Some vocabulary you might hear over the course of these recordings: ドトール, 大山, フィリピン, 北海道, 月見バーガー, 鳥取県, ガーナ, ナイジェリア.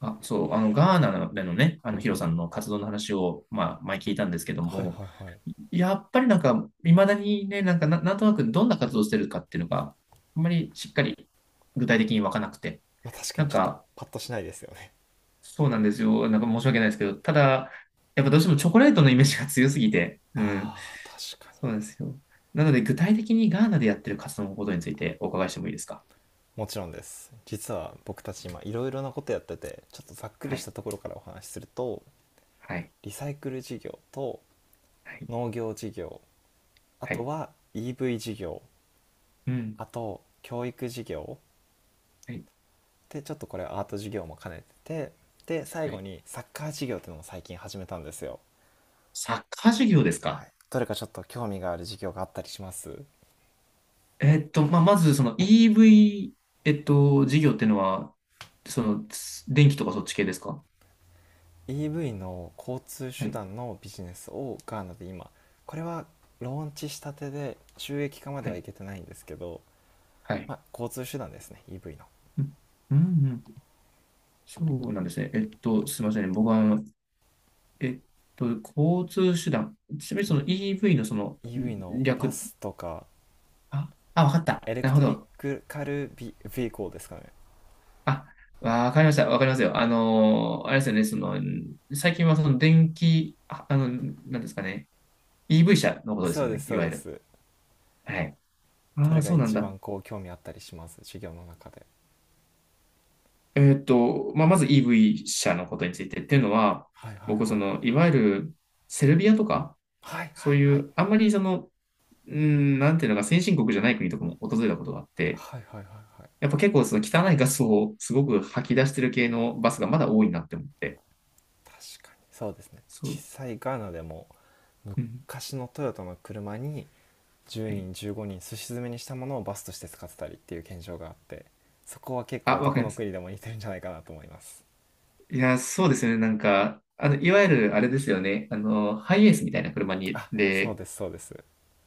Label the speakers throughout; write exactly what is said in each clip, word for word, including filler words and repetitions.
Speaker 1: あ、そう、あの、ガーナでのね、あの、ヒロさんの活動の話を、まあ、前聞いたんですけど、は
Speaker 2: は
Speaker 1: い
Speaker 2: い
Speaker 1: も、
Speaker 2: はいはい。
Speaker 1: やっぱりなんか、いまだにね、なんかな、なんとなくどんな活動してるかっていうのが、あんまりしっかり具体的にわかなくて、
Speaker 2: まあ、確か
Speaker 1: な
Speaker 2: に
Speaker 1: ん
Speaker 2: ちょっと
Speaker 1: か、
Speaker 2: パッとしないですよね。
Speaker 1: そうなんですよ。なんか申し訳ないですけど、ただ、やっぱどうしてもチョコレートのイメージが強すぎて、うん、
Speaker 2: ああ、確かに。
Speaker 1: そうなんですよ。なので、具体的にガーナでやってる活動のことについてお伺いしてもいいですか？
Speaker 2: もちろんです。実は僕たち今いろいろなことやってて、ちょっとざっくり
Speaker 1: は
Speaker 2: し
Speaker 1: い、
Speaker 2: たところからお話しすると、
Speaker 1: はい、
Speaker 2: リサイクル事業と
Speaker 1: はい、
Speaker 2: 農業事業、あ
Speaker 1: は
Speaker 2: と
Speaker 1: い、
Speaker 2: は イーブイ 事業、
Speaker 1: うん、
Speaker 2: あと教育事業
Speaker 1: はい、
Speaker 2: でちょっとこれアート事業も兼ねてて、で最
Speaker 1: は
Speaker 2: 後
Speaker 1: い。
Speaker 2: にサッカー事業っていうのも最近始めたんですよ。
Speaker 1: サッカー授業です
Speaker 2: は
Speaker 1: か？
Speaker 2: い。どれかちょっと興味がある事業があったりします？
Speaker 1: えっと、まあ、まず、その イーブイ、えっと、事業っていうのは、その、つ電気とかそっち系ですか？
Speaker 2: イーブイ の交通
Speaker 1: は
Speaker 2: 手
Speaker 1: い、
Speaker 2: 段のビジネスをガーナで今これはローンチしたてで収益化まで
Speaker 1: は
Speaker 2: は
Speaker 1: い、
Speaker 2: いけてないんですけど、
Speaker 1: は
Speaker 2: ま
Speaker 1: い。
Speaker 2: あ、交通手段ですね、 イーブイ の。
Speaker 1: うん、うん、うん。そうなんですね。えっと、すみませんね。僕は、あのえっと、交通手段。ちなみにその イーブイ のその、
Speaker 2: イーブイ のバ
Speaker 1: 略、
Speaker 2: スとか、
Speaker 1: あ、あ、わかっ
Speaker 2: あ
Speaker 1: た。
Speaker 2: エレ
Speaker 1: な
Speaker 2: ク
Speaker 1: るほ
Speaker 2: トリッ
Speaker 1: ど。
Speaker 2: クカルビビーコーですかね。
Speaker 1: あ、わかりました。わかりますよ。あのーあれですよね。その、うん、最近はその電気、あ、あの、なんですかね。イーブイ 車のことです
Speaker 2: そう
Speaker 1: よ
Speaker 2: で
Speaker 1: ね、
Speaker 2: す
Speaker 1: い
Speaker 2: そう
Speaker 1: わゆ
Speaker 2: で
Speaker 1: る。
Speaker 2: す。
Speaker 1: はい。
Speaker 2: ど
Speaker 1: ああ、
Speaker 2: れが
Speaker 1: そうなん
Speaker 2: 一
Speaker 1: だ。
Speaker 2: 番こう興味あったりします、授業の中で？
Speaker 1: えーっと、まあ、まず イーブイ 車のことについてっていうのは、
Speaker 2: はいはい
Speaker 1: 僕、
Speaker 2: は
Speaker 1: そ
Speaker 2: い。
Speaker 1: の、いわゆるセルビアとか、
Speaker 2: はいは
Speaker 1: そう
Speaker 2: い
Speaker 1: い
Speaker 2: はい
Speaker 1: う、あんまりその、うん、なんていうのか、先進国じゃない国とかも訪れたことがあって、
Speaker 2: はいはい。はいはい。
Speaker 1: やっぱ結構その汚いガスをすごく吐き出してる系のバスがまだ多いなって思って。
Speaker 2: 確かにそうですね。
Speaker 1: そ
Speaker 2: 実
Speaker 1: う。
Speaker 2: 際ガーナでも
Speaker 1: うん。
Speaker 2: 昔のトヨタの車に10
Speaker 1: はい。
Speaker 2: 人じゅうごにんすし詰めにしたものをバスとして使ってたりっていう現象があって、そこは結構
Speaker 1: あ、
Speaker 2: ど
Speaker 1: わか
Speaker 2: こ
Speaker 1: りま
Speaker 2: の
Speaker 1: す。
Speaker 2: 国でも似てるんじゃないかなと思います。
Speaker 1: いや、そうですよね。なんか、あの、いわゆるあれですよね。あの、ハイエースみたいな車に、
Speaker 2: あ、そう
Speaker 1: で、
Speaker 2: ですそうです。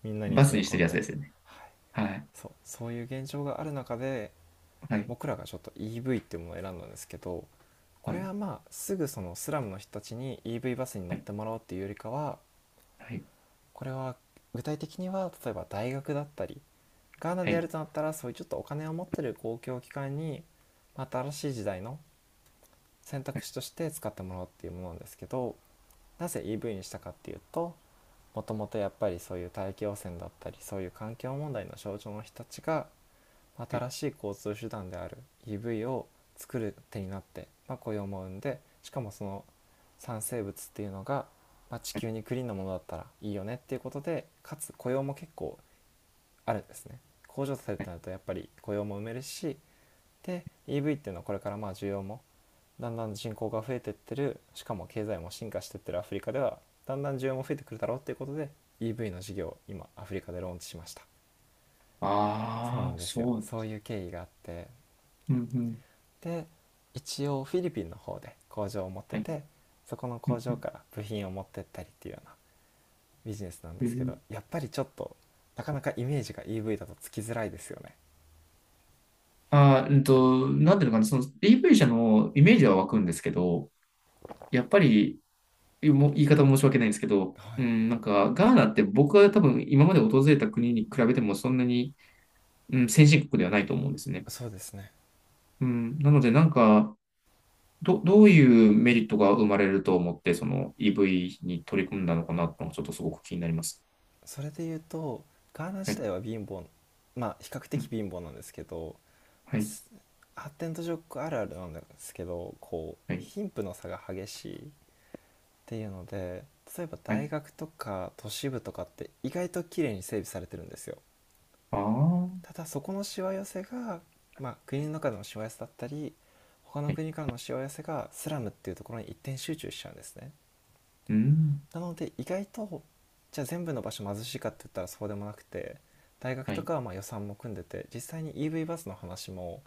Speaker 2: みんなに
Speaker 1: バス
Speaker 2: 詰め
Speaker 1: にして
Speaker 2: 込
Speaker 1: る
Speaker 2: ん
Speaker 1: やつ
Speaker 2: で、
Speaker 1: ですよね。
Speaker 2: はい、
Speaker 1: はい。
Speaker 2: そうそういう現状がある中で
Speaker 1: はい。
Speaker 2: 僕らがちょっと イーブイ っていうものを選んだんですけど、こ
Speaker 1: は
Speaker 2: れ
Speaker 1: い。
Speaker 2: はまあすぐそのスラムの人たちに イーブイ バスに乗
Speaker 1: は
Speaker 2: っ
Speaker 1: い。
Speaker 2: てもらおうっていうよりかは、
Speaker 1: はい。
Speaker 2: これは具体的には例えば大学だったり、ガーナ
Speaker 1: は
Speaker 2: でや
Speaker 1: い。
Speaker 2: るとなったらそういうちょっとお金を持ってる公共機関にまた新しい時代の選
Speaker 1: は
Speaker 2: 択
Speaker 1: い。
Speaker 2: 肢として使ってもらおうっていうものなんですけど、なぜ イーブイ にしたかっていうと、もともとやっぱりそういう大気汚染だったりそういう環境問題の症状の人たちが新しい交通手段である イーブイ を作る手になって、まあ、雇用も生んでしかもその産生物っていうのが、まあ、地球にクリーンなものだったらいいよねっていうことで、かつ雇用も結構あるんですね。工場されてなるとやっぱり雇用も埋めるし、で イーブイ っていうのはこれからまあ需要もだんだん人口が増えてってるしかも経済も進化してってるアフリカではだんだん需要も増えてくるだろうっていうことで イーブイ の事業を今アフリカでローンチしました。そうな
Speaker 1: あ
Speaker 2: ん
Speaker 1: あ、
Speaker 2: ですよ、
Speaker 1: そう。
Speaker 2: そういう経緯があって、
Speaker 1: うん、うん。
Speaker 2: で一応フィリピンの方で工場を持って
Speaker 1: はい。
Speaker 2: て、そこの
Speaker 1: うん、
Speaker 2: 工場
Speaker 1: う
Speaker 2: から部品を持ってったりっていうようなビジネスなん
Speaker 1: ん。
Speaker 2: で
Speaker 1: へ
Speaker 2: すけど、
Speaker 1: え。
Speaker 2: やっぱりちょっとなかなかイメージが イーブイ だとつきづらいですよね。
Speaker 1: あー、うんと、なんていうのかな、その イーブイ 車のイメージは湧くんですけど、やっぱり、もう言い方申し訳ないんですけど、
Speaker 2: は
Speaker 1: う
Speaker 2: い、
Speaker 1: ん、なんか、ガーナって僕は多分今まで訪れた国に比べてもそんなに、うん、先進国ではないと思うんですね。
Speaker 2: そうですね。
Speaker 1: うん、なので、なんか、ど、どういうメリットが生まれると思って、その イーブイ に取り組んだのかなとちょっとすごく気になります。
Speaker 2: それで言うと、ガーナ
Speaker 1: は
Speaker 2: 自
Speaker 1: い。
Speaker 2: 体は貧乏、まあ比較
Speaker 1: う
Speaker 2: 的
Speaker 1: ん、
Speaker 2: 貧乏なんですけど、
Speaker 1: は
Speaker 2: ま
Speaker 1: い。
Speaker 2: あ、発展途上国あるあるなんですけどこ
Speaker 1: は
Speaker 2: う
Speaker 1: い。
Speaker 2: 貧富の差が激しいっていうので、例えば
Speaker 1: は
Speaker 2: 大
Speaker 1: い。
Speaker 2: 学とか都市部とかって意外と綺麗に整備されてるんですよ。
Speaker 1: ああ。はい。
Speaker 2: ただそこのしわ寄せが、まあ、国
Speaker 1: は
Speaker 2: の
Speaker 1: い。
Speaker 2: 中でのしわ寄せだったり他の国からのしわ寄せがスラムっていうところに一点集中しちゃうんですね。
Speaker 1: うん。
Speaker 2: なので意外と、じゃあ全部の場所貧しいかって言ったらそうでもなくて、大学
Speaker 1: は
Speaker 2: と
Speaker 1: い。
Speaker 2: かはまあ予算も組んでて、実際に イーブイ バスの話も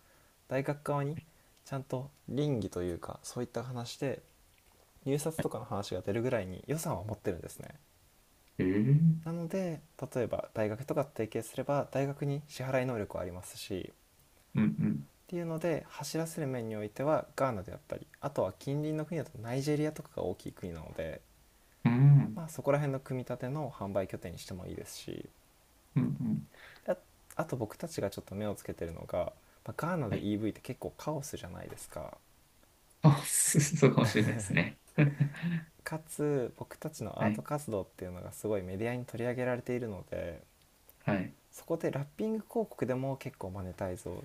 Speaker 2: 大学側にちゃんと倫理というかそういった話で入札とかの話が出るぐらいに予算は持ってるんですね。
Speaker 1: え
Speaker 2: な
Speaker 1: え。
Speaker 2: ので例えば大学とか提携すれば大学に支払い能力はありますし、っ
Speaker 1: うん、うん。
Speaker 2: ていうので走らせる面においてはガーナであったり、あとは近隣の国だとナイジェリアとかが大きい国なので、
Speaker 1: う
Speaker 2: ま
Speaker 1: ん。
Speaker 2: あ、そこら辺の組み立ての販売拠点にしてもいいですし、
Speaker 1: うん、うん。
Speaker 2: あ、あと僕たちがちょっと目をつけてるのが、まあ、ガーナ
Speaker 1: は
Speaker 2: で
Speaker 1: い。
Speaker 2: イーブイ って結構カオスじゃないですか、
Speaker 1: あ、す そうかもしれないですね。
Speaker 2: かつ僕たちの
Speaker 1: は
Speaker 2: アート
Speaker 1: い。
Speaker 2: 活動っていうのがすごいメディアに取り上げられているので、
Speaker 1: はい。
Speaker 2: そこでラッピング広告でも結構マネタイズを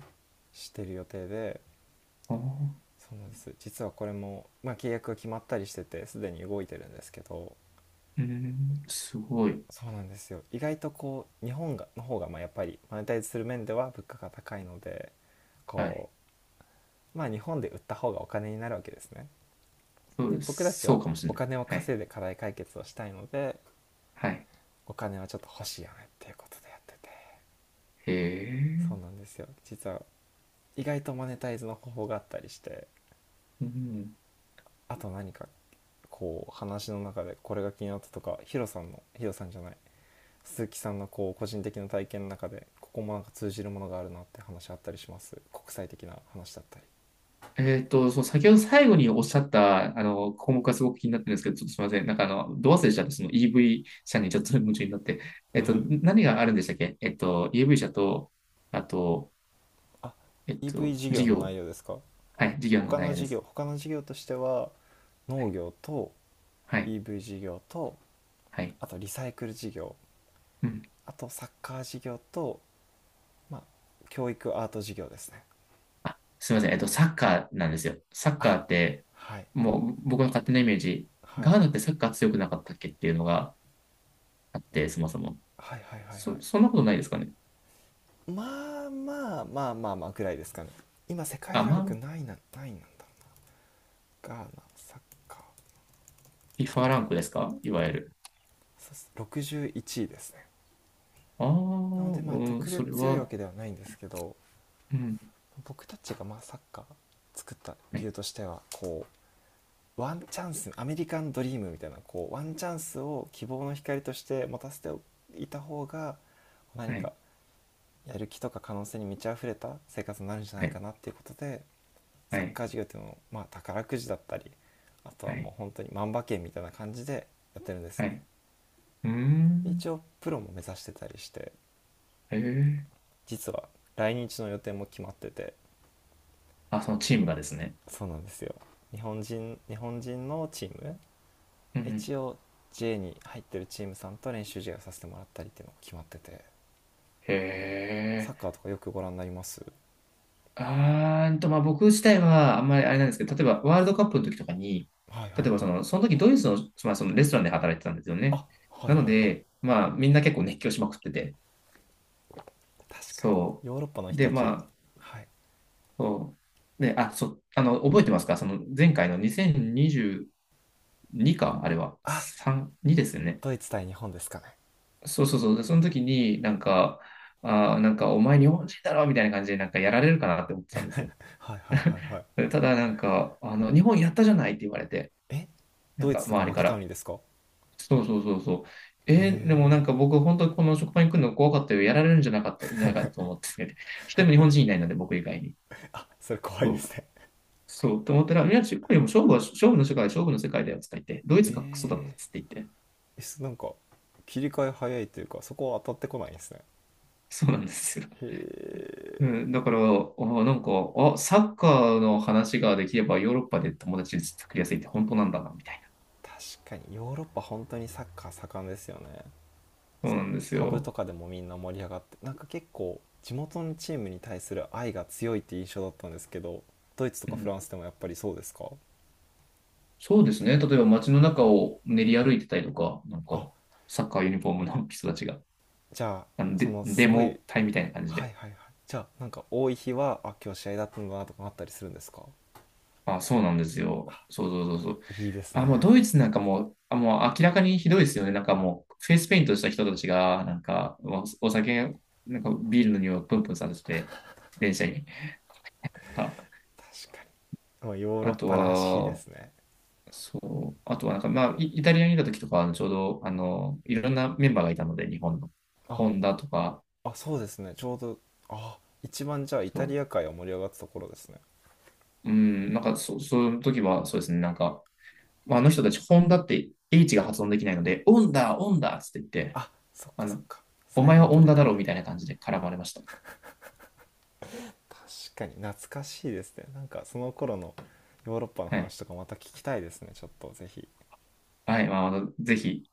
Speaker 2: してる予定で、
Speaker 1: あー。
Speaker 2: そうなんです、実はこれも、まあ、契約が決まったりしててすでに動いてるんですけど、
Speaker 1: ええ。すごい。
Speaker 2: そうなんですよ、意外とこう日本がの方がまあやっぱりマネタイズする面では物価が高いので、
Speaker 1: はい。
Speaker 2: こうまあ日本で売った方がお金になるわけですね。
Speaker 1: そう
Speaker 2: で
Speaker 1: で
Speaker 2: 僕た
Speaker 1: す。
Speaker 2: ち
Speaker 1: そ
Speaker 2: は
Speaker 1: うかもしれ
Speaker 2: お
Speaker 1: ない。
Speaker 2: 金を
Speaker 1: は
Speaker 2: 稼
Speaker 1: い。
Speaker 2: いで課題解決をしたいので、
Speaker 1: はい。
Speaker 2: お金はちょっと欲しいよねっていうことでやってて、
Speaker 1: へ
Speaker 2: そう
Speaker 1: え。
Speaker 2: なんですよ、実は意外とマネタイズの方法があったりして、
Speaker 1: うん。
Speaker 2: あと何かこう話の中でこれが気になったとか、ヒロさんのヒロさんじゃない鈴木さんのこう個人的な体験の中でここもなんか通じるものがあるなって話あったりします、国際的な話だったり？
Speaker 1: えっと、そう、先ほど最後におっしゃった、あの、項目がすごく気になってるんですけど、ちょっとすみません。なんかあの、ど忘れしちゃって、その イーブイ 車にちょっと夢中になって。えっと、
Speaker 2: はい、
Speaker 1: 何があるんでしたっけ？えっと、イーブイ 車と、あと、
Speaker 2: あ、
Speaker 1: えっ
Speaker 2: イーブイ
Speaker 1: と、
Speaker 2: 事
Speaker 1: 事
Speaker 2: 業の
Speaker 1: 業。
Speaker 2: 内容ですか？
Speaker 1: はい、授業の
Speaker 2: 他
Speaker 1: 内
Speaker 2: の
Speaker 1: 容で
Speaker 2: 事
Speaker 1: す。
Speaker 2: 業他の事業としては
Speaker 1: は
Speaker 2: 農
Speaker 1: い、
Speaker 2: 業と
Speaker 1: はい、
Speaker 2: イーブイ 事業と、
Speaker 1: はい。
Speaker 2: あとリサイクル事業、
Speaker 1: うん。
Speaker 2: あとサッカー事業と、まあ、教育アート事業ですね。
Speaker 1: あ、すみません。えっと、サッカーなんですよ。サッカー
Speaker 2: あ、
Speaker 1: って、
Speaker 2: はい
Speaker 1: もう僕の勝手なイメージ、
Speaker 2: は
Speaker 1: ガ
Speaker 2: い。
Speaker 1: ーナってサッカー強くなかったっけっていうのがあって、そもそも。
Speaker 2: はいはい
Speaker 1: そ、そんなことないですかね。
Speaker 2: はい。はい、まあまあまあまあまあぐらいですかね。今世界
Speaker 1: あ、
Speaker 2: ラ
Speaker 1: ま
Speaker 2: ンク
Speaker 1: あ、
Speaker 2: ないな、ないなんだろうな、ガーナサッカー。
Speaker 1: フィファ ランクですか、いわゆる。
Speaker 2: そうです、ろくじゅういちいですね。
Speaker 1: ああ、
Speaker 2: なのでまあ
Speaker 1: うん、
Speaker 2: 特
Speaker 1: そ
Speaker 2: 別
Speaker 1: れ
Speaker 2: 強いわ
Speaker 1: は、
Speaker 2: けではないんですけど、
Speaker 1: うん。
Speaker 2: 僕たちがまあサッカー作った
Speaker 1: は
Speaker 2: 理
Speaker 1: い、
Speaker 2: 由としては、こ、ワンチャンス、アメリカンドリームみたいなこうワンチャンスを希望の光として持たせていた方が
Speaker 1: は
Speaker 2: 何か
Speaker 1: い、
Speaker 2: やる気とか可能性に満ち溢れた生活になるんじゃな
Speaker 1: は
Speaker 2: いか
Speaker 1: い、
Speaker 2: なっていうことで、
Speaker 1: は
Speaker 2: サッ
Speaker 1: い、
Speaker 2: カー事業っていうのを、まあ、宝くじだったり、あと
Speaker 1: は
Speaker 2: はも
Speaker 1: い、
Speaker 2: う本当に万馬券みたいな感じでやってるんです
Speaker 1: は
Speaker 2: ね。
Speaker 1: い。うーん。
Speaker 2: 一応プロも目指してたりして、
Speaker 1: へえ。
Speaker 2: 実は来日の予定も決まってて、
Speaker 1: あ、そのチームがですね。
Speaker 2: そうなんですよ。日本人日本人のチーム、
Speaker 1: うん。
Speaker 2: 一応 ジェー に入ってるチームさんと練習試合をさせてもらったりっていうのが決まってて。
Speaker 1: へ
Speaker 2: サッカ
Speaker 1: え。
Speaker 2: ーとかよくご覧になります？
Speaker 1: あーんと、まあ、僕自体はあんまりあれなんですけど、例えばワールドカップの時とかに、
Speaker 2: はいはいは
Speaker 1: 例
Speaker 2: い。
Speaker 1: えばその、その時ドイツの、まあ、そのレストランで働いてたんですよね。
Speaker 2: あ、はい
Speaker 1: な
Speaker 2: はい
Speaker 1: の
Speaker 2: はい。
Speaker 1: で、まあみんな結構熱狂しまくってて、
Speaker 2: 確かに。
Speaker 1: そ
Speaker 2: ヨーロッパの
Speaker 1: う。
Speaker 2: 人
Speaker 1: で、
Speaker 2: た
Speaker 1: ま
Speaker 2: ち、
Speaker 1: あ、
Speaker 2: はい。
Speaker 1: そう。で、あ、そう、あの、覚えてますか、その前回のにせんにじゅうにか、あれは。
Speaker 2: あ、
Speaker 1: さん、にですよね。
Speaker 2: ドイツ対日本ですかね。
Speaker 1: そうそうそう。でその時になんか、あー、なんかお前日本人だろみたいな感じでなんかやられるかなって思ってたんですよ。
Speaker 2: はいはいはいはい。
Speaker 1: ただなんか、あの、日本やったじゃないって言われて、
Speaker 2: え、
Speaker 1: なん
Speaker 2: ドイ
Speaker 1: か
Speaker 2: ツが
Speaker 1: 周り
Speaker 2: 負け
Speaker 1: か
Speaker 2: たの
Speaker 1: ら。
Speaker 2: にですか？へ
Speaker 1: そうそうそうそう。えー、でもなん
Speaker 2: え、
Speaker 1: か僕本当にこの職場に来るの怖かったよ。やられるんじゃなかった、なんかと思ってて。一人も日本人いないので、僕以外に。
Speaker 2: それ怖い
Speaker 1: そ
Speaker 2: です
Speaker 1: う。
Speaker 2: ね。
Speaker 1: そう。と思ったら、いや、中国よりも勝負は、勝負の世界、勝負の世界だよ、つって言って、ドイツがクソだったっ
Speaker 2: えー、
Speaker 1: つって言って。
Speaker 2: え、す、なんか切り替え早いというかそこは当たってこないんですね。
Speaker 1: そうなんですよ。
Speaker 2: へ
Speaker 1: う
Speaker 2: え。
Speaker 1: ん、だから、あ、なんか、あ、サッカーの話ができればヨーロッパで友達作りやすいって本当なんだな、みたい
Speaker 2: 確かにヨーロッパ本当にサッカー盛んですよね。
Speaker 1: な。そうなんです
Speaker 2: パブと
Speaker 1: よ。
Speaker 2: かでもみんな盛り上がって、なんか結構地元のチームに対する愛が強いって印象だったんですけど、ドイツと
Speaker 1: う
Speaker 2: かフラ
Speaker 1: ん、
Speaker 2: ンスでもやっぱりそうですか？
Speaker 1: そうですね。例えば街の中を練り歩いてたりとか、なん
Speaker 2: あ、
Speaker 1: か、サッカーユニフォームの人たちが、
Speaker 2: じゃ
Speaker 1: あの
Speaker 2: あそ
Speaker 1: デ、
Speaker 2: の
Speaker 1: デ
Speaker 2: すごい、
Speaker 1: モ隊みたいな感じ
Speaker 2: はい
Speaker 1: で。
Speaker 2: はいはい。じゃあなんか多い日はあ、今日試合だったんだなとかあったりするんですか？
Speaker 1: あ、そうなんですよ。そうそうそうそう。
Speaker 2: いいです
Speaker 1: あ、もう
Speaker 2: ね。
Speaker 1: ドイツなんかもう、あ、もう明らかにひどいですよね。なんかもう、フェイスペイントした人たちが、なんか、お、お酒、なんかビールの匂いをプンプンさせて、電車に。あ、
Speaker 2: 確かに、まあヨーロ
Speaker 1: あ
Speaker 2: ッ
Speaker 1: と
Speaker 2: パらしいで
Speaker 1: は、
Speaker 2: すね。
Speaker 1: そう、あとはなんか、まあ、イ、イタリアにいた時とか、あのちょうど、あの、いろんなメンバーがいたので、日本の。
Speaker 2: あ
Speaker 1: ホンダとか、
Speaker 2: あ、そうですね、ちょうど、あ、一番じゃあイ
Speaker 1: そ
Speaker 2: タ
Speaker 1: う、
Speaker 2: リア界は盛り上がったところですね。
Speaker 1: うん、なんかそ、そういう時は、そうですね、なんか、まあ、あの人たち、ホンダって H が発音できないので、オンダ、オンダっつって言って、
Speaker 2: あ、そっか
Speaker 1: あ
Speaker 2: そっ
Speaker 1: の、
Speaker 2: か。
Speaker 1: お
Speaker 2: サイ
Speaker 1: 前
Speaker 2: レン
Speaker 1: は
Speaker 2: ト
Speaker 1: オン
Speaker 2: レ
Speaker 1: ダ
Speaker 2: タ
Speaker 1: だ
Speaker 2: ー
Speaker 1: ろう
Speaker 2: で。
Speaker 1: みたいな感じで絡まれました。
Speaker 2: 確かに懐かしいですね、なんかその頃のヨーロッパの
Speaker 1: はい。
Speaker 2: 話とかまた聞きたいですね、ちょっとぜひ。
Speaker 1: はい、まあ、ぜひ。